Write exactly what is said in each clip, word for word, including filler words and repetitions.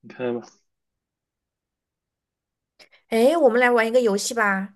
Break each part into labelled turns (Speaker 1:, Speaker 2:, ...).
Speaker 1: 你可以吗？
Speaker 2: 诶，我们来玩一个游戏吧。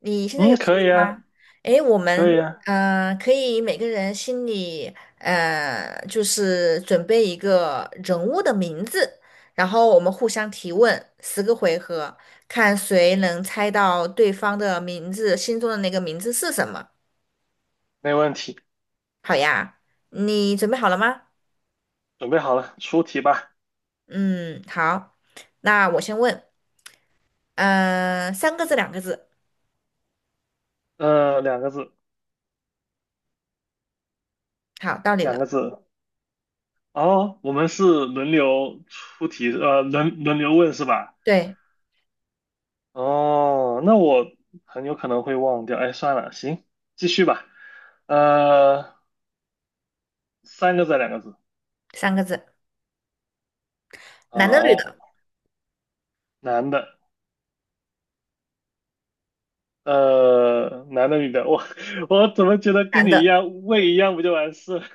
Speaker 2: 你现在
Speaker 1: 嗯，
Speaker 2: 有兴
Speaker 1: 可
Speaker 2: 趣
Speaker 1: 以啊，
Speaker 2: 吗？诶，我
Speaker 1: 可
Speaker 2: 们
Speaker 1: 以啊，
Speaker 2: 呃可以每个人心里呃就是准备一个人物的名字，然后我们互相提问十个回合，看谁能猜到对方的名字，心中的那个名字是什么。
Speaker 1: 没问题。
Speaker 2: 好呀，你准备好了吗？
Speaker 1: 准备好了，出题吧。
Speaker 2: 嗯，好，那我先问，呃，三个字，两个字。
Speaker 1: 呃，两个字，
Speaker 2: 好，到你
Speaker 1: 两个
Speaker 2: 了。
Speaker 1: 字。哦，我们是轮流出题，呃，轮轮流问是吧？
Speaker 2: 对，
Speaker 1: 哦，那我很有可能会忘掉。哎，算了，行，继续吧。呃，三个字，两个字。
Speaker 2: 三个字，男的，女
Speaker 1: 好，
Speaker 2: 的，
Speaker 1: 男的，呃，男的，女的。我 我怎么觉得跟
Speaker 2: 男
Speaker 1: 你一
Speaker 2: 的。
Speaker 1: 样，问一样不就完事了？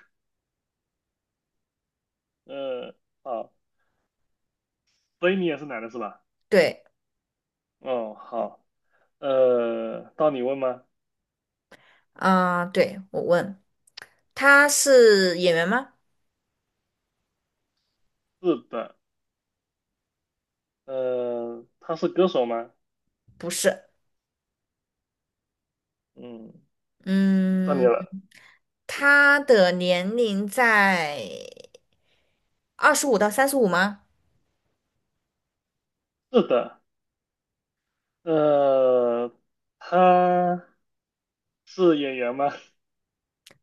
Speaker 1: 呃，好，所以你也是男的是吧？
Speaker 2: 对，
Speaker 1: 哦，好。呃，到你问吗？
Speaker 2: 啊、对，我问，他是演员吗？
Speaker 1: 是的，呃，他是歌手吗？
Speaker 2: 不是，
Speaker 1: 嗯，到你
Speaker 2: 嗯，
Speaker 1: 了。
Speaker 2: 他的年龄在二十五到三十五吗？
Speaker 1: 是的，呃，他是演员吗？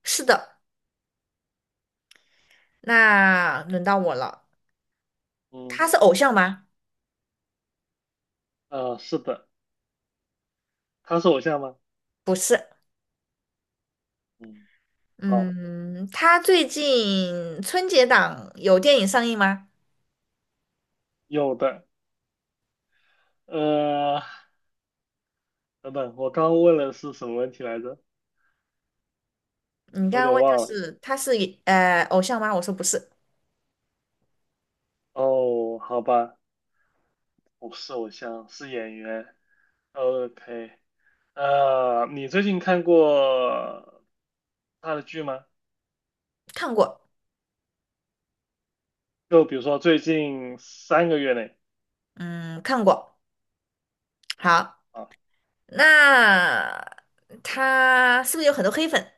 Speaker 2: 是的，那轮到我了。
Speaker 1: 嗯，
Speaker 2: 他是偶像吗？
Speaker 1: 呃，是的，他是偶像吗？
Speaker 2: 不是，
Speaker 1: 嗯，好，
Speaker 2: 嗯，他最近春节档有电影上映吗？
Speaker 1: 有的。呃，等等，我刚问了是什么问题来着？
Speaker 2: 你
Speaker 1: 有
Speaker 2: 刚刚
Speaker 1: 点
Speaker 2: 问就
Speaker 1: 忘了。
Speaker 2: 是他是呃偶像吗？我说不是，
Speaker 1: 哦，好吧，不是偶像，是演员。OK，呃，你最近看过他的剧吗？
Speaker 2: 看过，
Speaker 1: 就比如说最近三个月内
Speaker 2: 嗯，看过。好，
Speaker 1: 啊，
Speaker 2: 那他是不是有很多黑粉？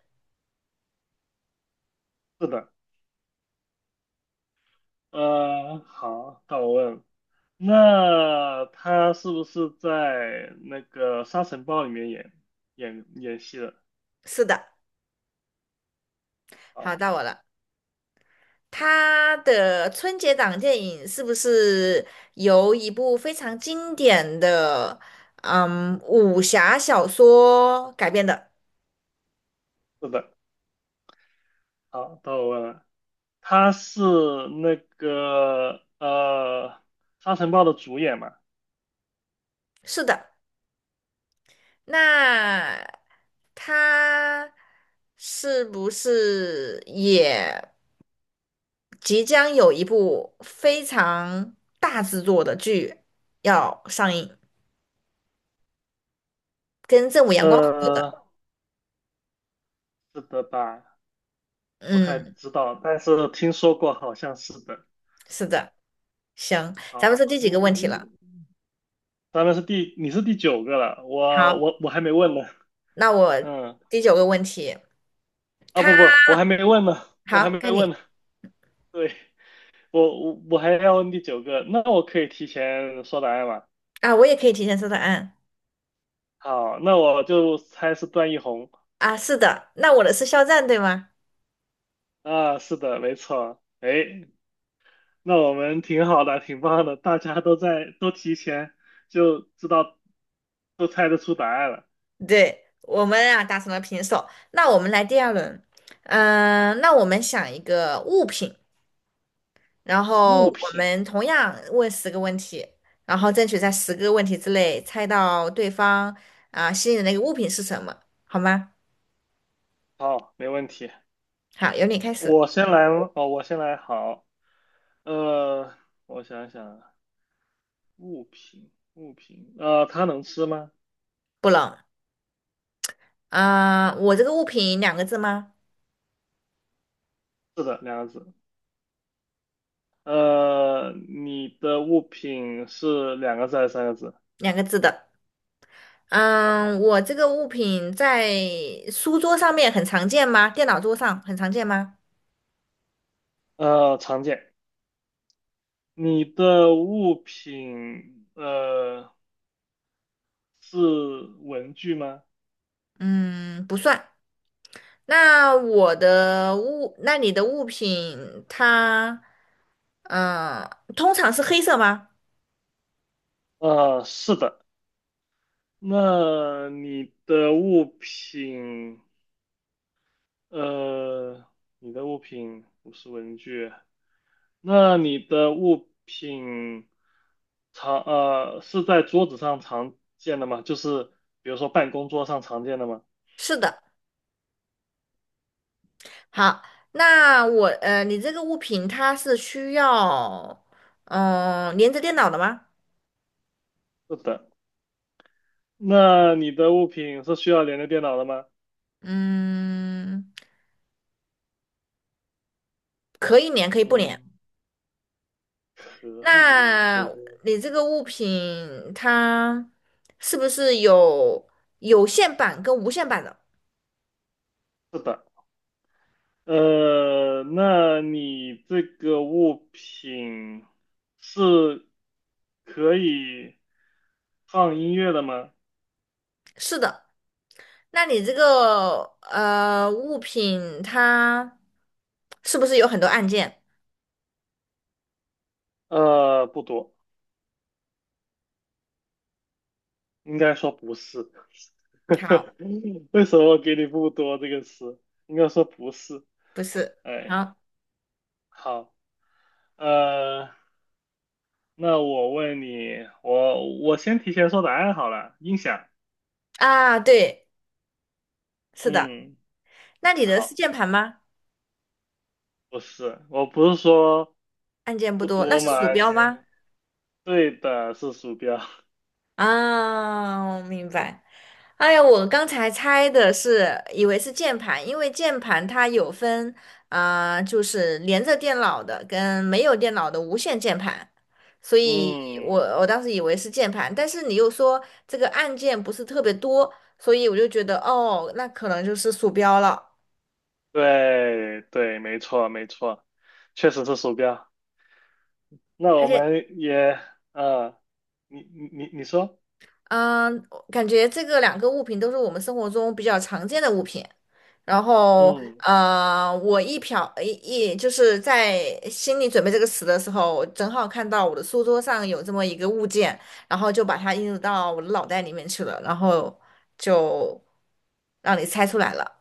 Speaker 1: 是的，呃，好，到我问，那他是不是在那个《沙尘暴》里面演演演戏的？
Speaker 2: 是的，
Speaker 1: 啊，
Speaker 2: 好，到我了。他的春节档电影是不是由一部非常经典的嗯武侠小说改编的？
Speaker 1: 是的，好，到我问了，他是那个呃《沙尘暴》的主演嘛？
Speaker 2: 是的。那他是不是也即将有一部非常大制作的剧要上映，跟正午阳光合作的？
Speaker 1: 呃，是的吧？不太
Speaker 2: 嗯，
Speaker 1: 知道，但是听说过，好像是的。
Speaker 2: 是的。行，咱
Speaker 1: 好，
Speaker 2: 们是第几个
Speaker 1: 嗯
Speaker 2: 问题了？
Speaker 1: 嗯，咱们是第，你是第九个了，我
Speaker 2: 好。
Speaker 1: 我我还没问呢。
Speaker 2: 那我
Speaker 1: 嗯，
Speaker 2: 第九个问题，
Speaker 1: 啊
Speaker 2: 他
Speaker 1: 不不，我还没问呢，我还
Speaker 2: 好，
Speaker 1: 没
Speaker 2: 该
Speaker 1: 问
Speaker 2: 你
Speaker 1: 呢。对，我我我还要问第九个，那我可以提前说答案吗？
Speaker 2: 啊，我也可以提前说答案
Speaker 1: 好，那我就猜是段奕宏
Speaker 2: 啊，是的，那我的是肖战对吗？
Speaker 1: 啊，是的，没错。哎，那我们挺好的，挺棒的，大家都在都提前就知道，都猜得出答案了。
Speaker 2: 对，我们啊打成了平手，那我们来第二轮，嗯、那我们想一个物品，然后
Speaker 1: 物
Speaker 2: 我
Speaker 1: 品，
Speaker 2: 们同样问十个问题，然后争取在十个问题之内猜到对方啊心里的那个物品是什么，好吗？
Speaker 1: 好，没问题。
Speaker 2: 好，由你开始，
Speaker 1: 我先来吗，哦，我先来，好，呃，我想想啊物品，物品，呃，它能吃吗？
Speaker 2: 不冷啊、我这个物品两个字吗？
Speaker 1: 是的，两个字。呃，你的物品是两个字还是三个字？
Speaker 2: 两个字的。
Speaker 1: 好，
Speaker 2: 嗯，我这个物品在书桌上面很常见吗？电脑桌上很常见吗？
Speaker 1: 呃，常见。你的物品呃是文具吗？
Speaker 2: 嗯，不算。那我的物，那你的物品它，嗯，通常是黑色吗？
Speaker 1: 呃，是的。那你的物品呃，你的物品不是文具，那你的物品常呃是在桌子上常见的吗？就是比如说办公桌上常见的吗？
Speaker 2: 是的。好，那我，呃，你这个物品它是需要，嗯，连着电脑的吗？
Speaker 1: 是的，那你的物品是需要连着电脑的吗？
Speaker 2: 嗯，可以连，可以不连。
Speaker 1: 嗯，可以连，可以
Speaker 2: 那
Speaker 1: 连。
Speaker 2: 你这个物品它是不是有有线版跟无线版的？
Speaker 1: 是的，呃，那你这个物品是可以放音乐的吗？
Speaker 2: 是的。那你这个呃物品它是不是有很多按键？
Speaker 1: 呃，不多，应该说不是。
Speaker 2: 好，
Speaker 1: 为什么给你"不多"这个词？应该说不是。
Speaker 2: 不是。
Speaker 1: 哎，
Speaker 2: 好
Speaker 1: 好，呃，那我问你，我我先提前说答案好了，音响。
Speaker 2: 啊，对，是的。
Speaker 1: 嗯，
Speaker 2: 那你的是
Speaker 1: 好，
Speaker 2: 键盘吗？
Speaker 1: 不是，我不是说
Speaker 2: 按键不
Speaker 1: 不
Speaker 2: 多。那
Speaker 1: 多嘛，
Speaker 2: 是鼠
Speaker 1: 按
Speaker 2: 标
Speaker 1: 键，
Speaker 2: 吗？
Speaker 1: 对的，是鼠标。
Speaker 2: 啊，我明白。哎呀，我刚才猜的是，以为是键盘，因为键盘它有分，啊、就是连着电脑的跟没有电脑的无线键盘，所以我
Speaker 1: 嗯，
Speaker 2: 我当时以为是键盘，但是你又说这个按键不是特别多，所以我就觉得哦，那可能就是鼠标了，
Speaker 1: 对对，没错没错，确实是鼠标。那
Speaker 2: 而
Speaker 1: 我
Speaker 2: 且
Speaker 1: 们也，呃，你你你你说，
Speaker 2: 嗯，感觉这个两个物品都是我们生活中比较常见的物品。然后，
Speaker 1: 嗯
Speaker 2: 呃，我一瞟一一就是在心里准备这个词的时候，我正好看到我的书桌上有这么一个物件，然后就把它映入到我的脑袋里面去了，然后就让你猜出来了。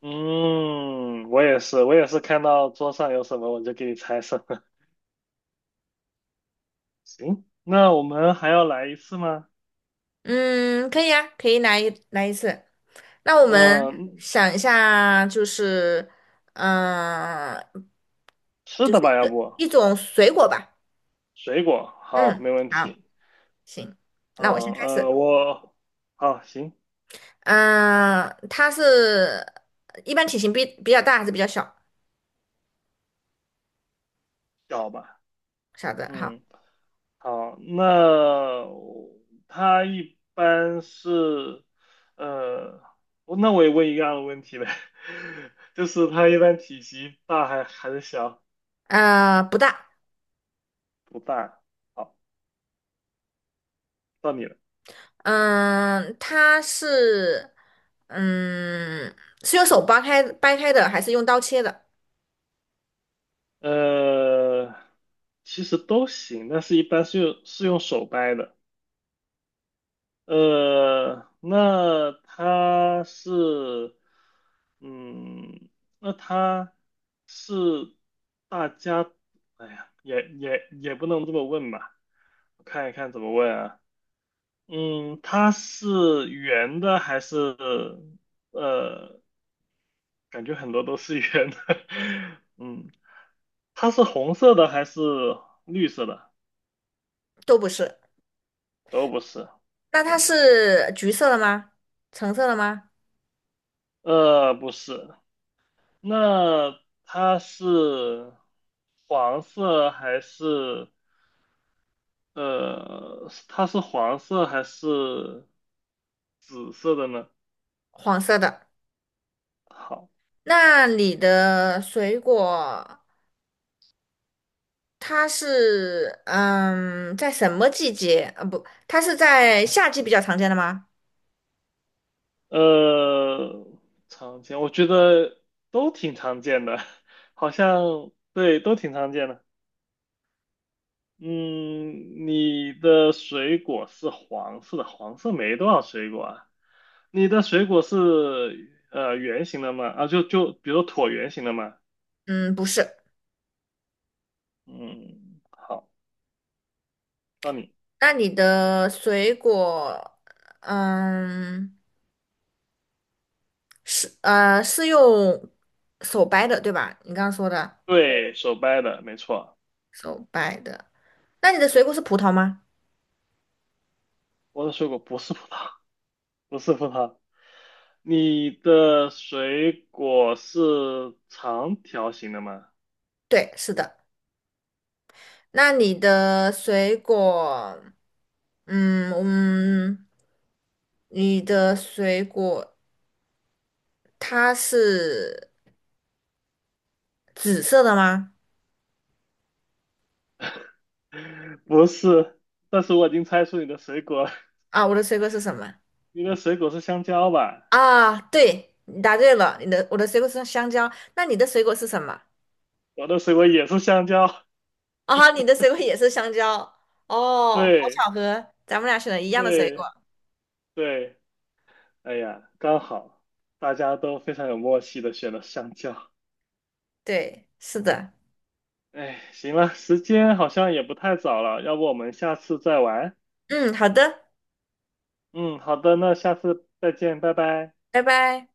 Speaker 1: 嗯，我也是，我也是看到桌上有什么我就给你猜什么。行，那我们还要来一次吗？
Speaker 2: 嗯，可以啊，可以来一来一次。那我们
Speaker 1: 嗯，
Speaker 2: 想一下，就是，嗯、
Speaker 1: 吃
Speaker 2: 就
Speaker 1: 的
Speaker 2: 是一
Speaker 1: 吧，要
Speaker 2: 个
Speaker 1: 不
Speaker 2: 一种水果吧。
Speaker 1: 水果，好，
Speaker 2: 嗯，
Speaker 1: 没问
Speaker 2: 好，
Speaker 1: 题。
Speaker 2: 行，
Speaker 1: 嗯
Speaker 2: 那我先开
Speaker 1: 呃，
Speaker 2: 始。
Speaker 1: 我好行，
Speaker 2: 嗯、呃，它是一般体型比比较大还是比较小？
Speaker 1: 小吧，
Speaker 2: 小的，好，
Speaker 1: 嗯，好，那他一般是呃，我那我也问一样的问题呗，就是他一般体积大还还是小？
Speaker 2: 呃，不大。
Speaker 1: 不大。好，到你了。
Speaker 2: 嗯、它是，嗯，是用手掰开掰开的，还是用刀切的？
Speaker 1: 呃，其实都行，但是一般是用是用手掰的。呃，那他是，嗯，那他是大家，哎呀，也也也不能这么问吧，我看一看怎么问啊，嗯，它是圆的还是，呃，感觉很多都是圆的，嗯，它是红色的还是绿色的？
Speaker 2: 都不是。
Speaker 1: 都不是，
Speaker 2: 那它
Speaker 1: 行，
Speaker 2: 是橘色的吗？橙色的吗？
Speaker 1: 呃，不是。那它是黄色还是呃，它是黄色还是紫色的呢？
Speaker 2: 黄色的。
Speaker 1: 好，
Speaker 2: 那你的水果？它是嗯，在什么季节？呃，不，它是在夏季比较常见的吗？
Speaker 1: 呃，常见，我觉得都挺常见的，好像对，都挺常见的。嗯，你的水果是黄色的，黄色没多少水果啊。你的水果是呃圆形的吗？啊，就就比如说椭圆形的吗？
Speaker 2: 嗯，不是。
Speaker 1: 嗯，好，到你。
Speaker 2: 那你的水果，嗯，是呃是用手掰的，对吧？你刚刚说的
Speaker 1: 对，手掰的，没错。
Speaker 2: 手掰的。那你的水果是葡萄吗？
Speaker 1: 我的水果不是葡萄，不是葡萄。你的水果是长条形的吗？
Speaker 2: 对，是的。那你的水果，嗯嗯，你的水果它是紫色的吗？
Speaker 1: 不是，但是我已经猜出你的水果了，
Speaker 2: 啊，我的水果是什么？
Speaker 1: 你的水果是香蕉吧？
Speaker 2: 啊，对，你答对了，你的我的水果是香蕉，那你的水果是什么？
Speaker 1: 我的水果也是香蕉。
Speaker 2: 啊，你的水果也是香蕉，哦，好
Speaker 1: 对，
Speaker 2: 巧合，咱们俩选了一样的水果。
Speaker 1: 对，对。哎呀，刚好，大家都非常有默契的选了香蕉。
Speaker 2: 对，是的，
Speaker 1: 哎，行了，时间好像也不太早了，要不我们下次再玩？
Speaker 2: 嗯，好的，
Speaker 1: 嗯，好的，那下次再见，拜拜。
Speaker 2: 拜拜。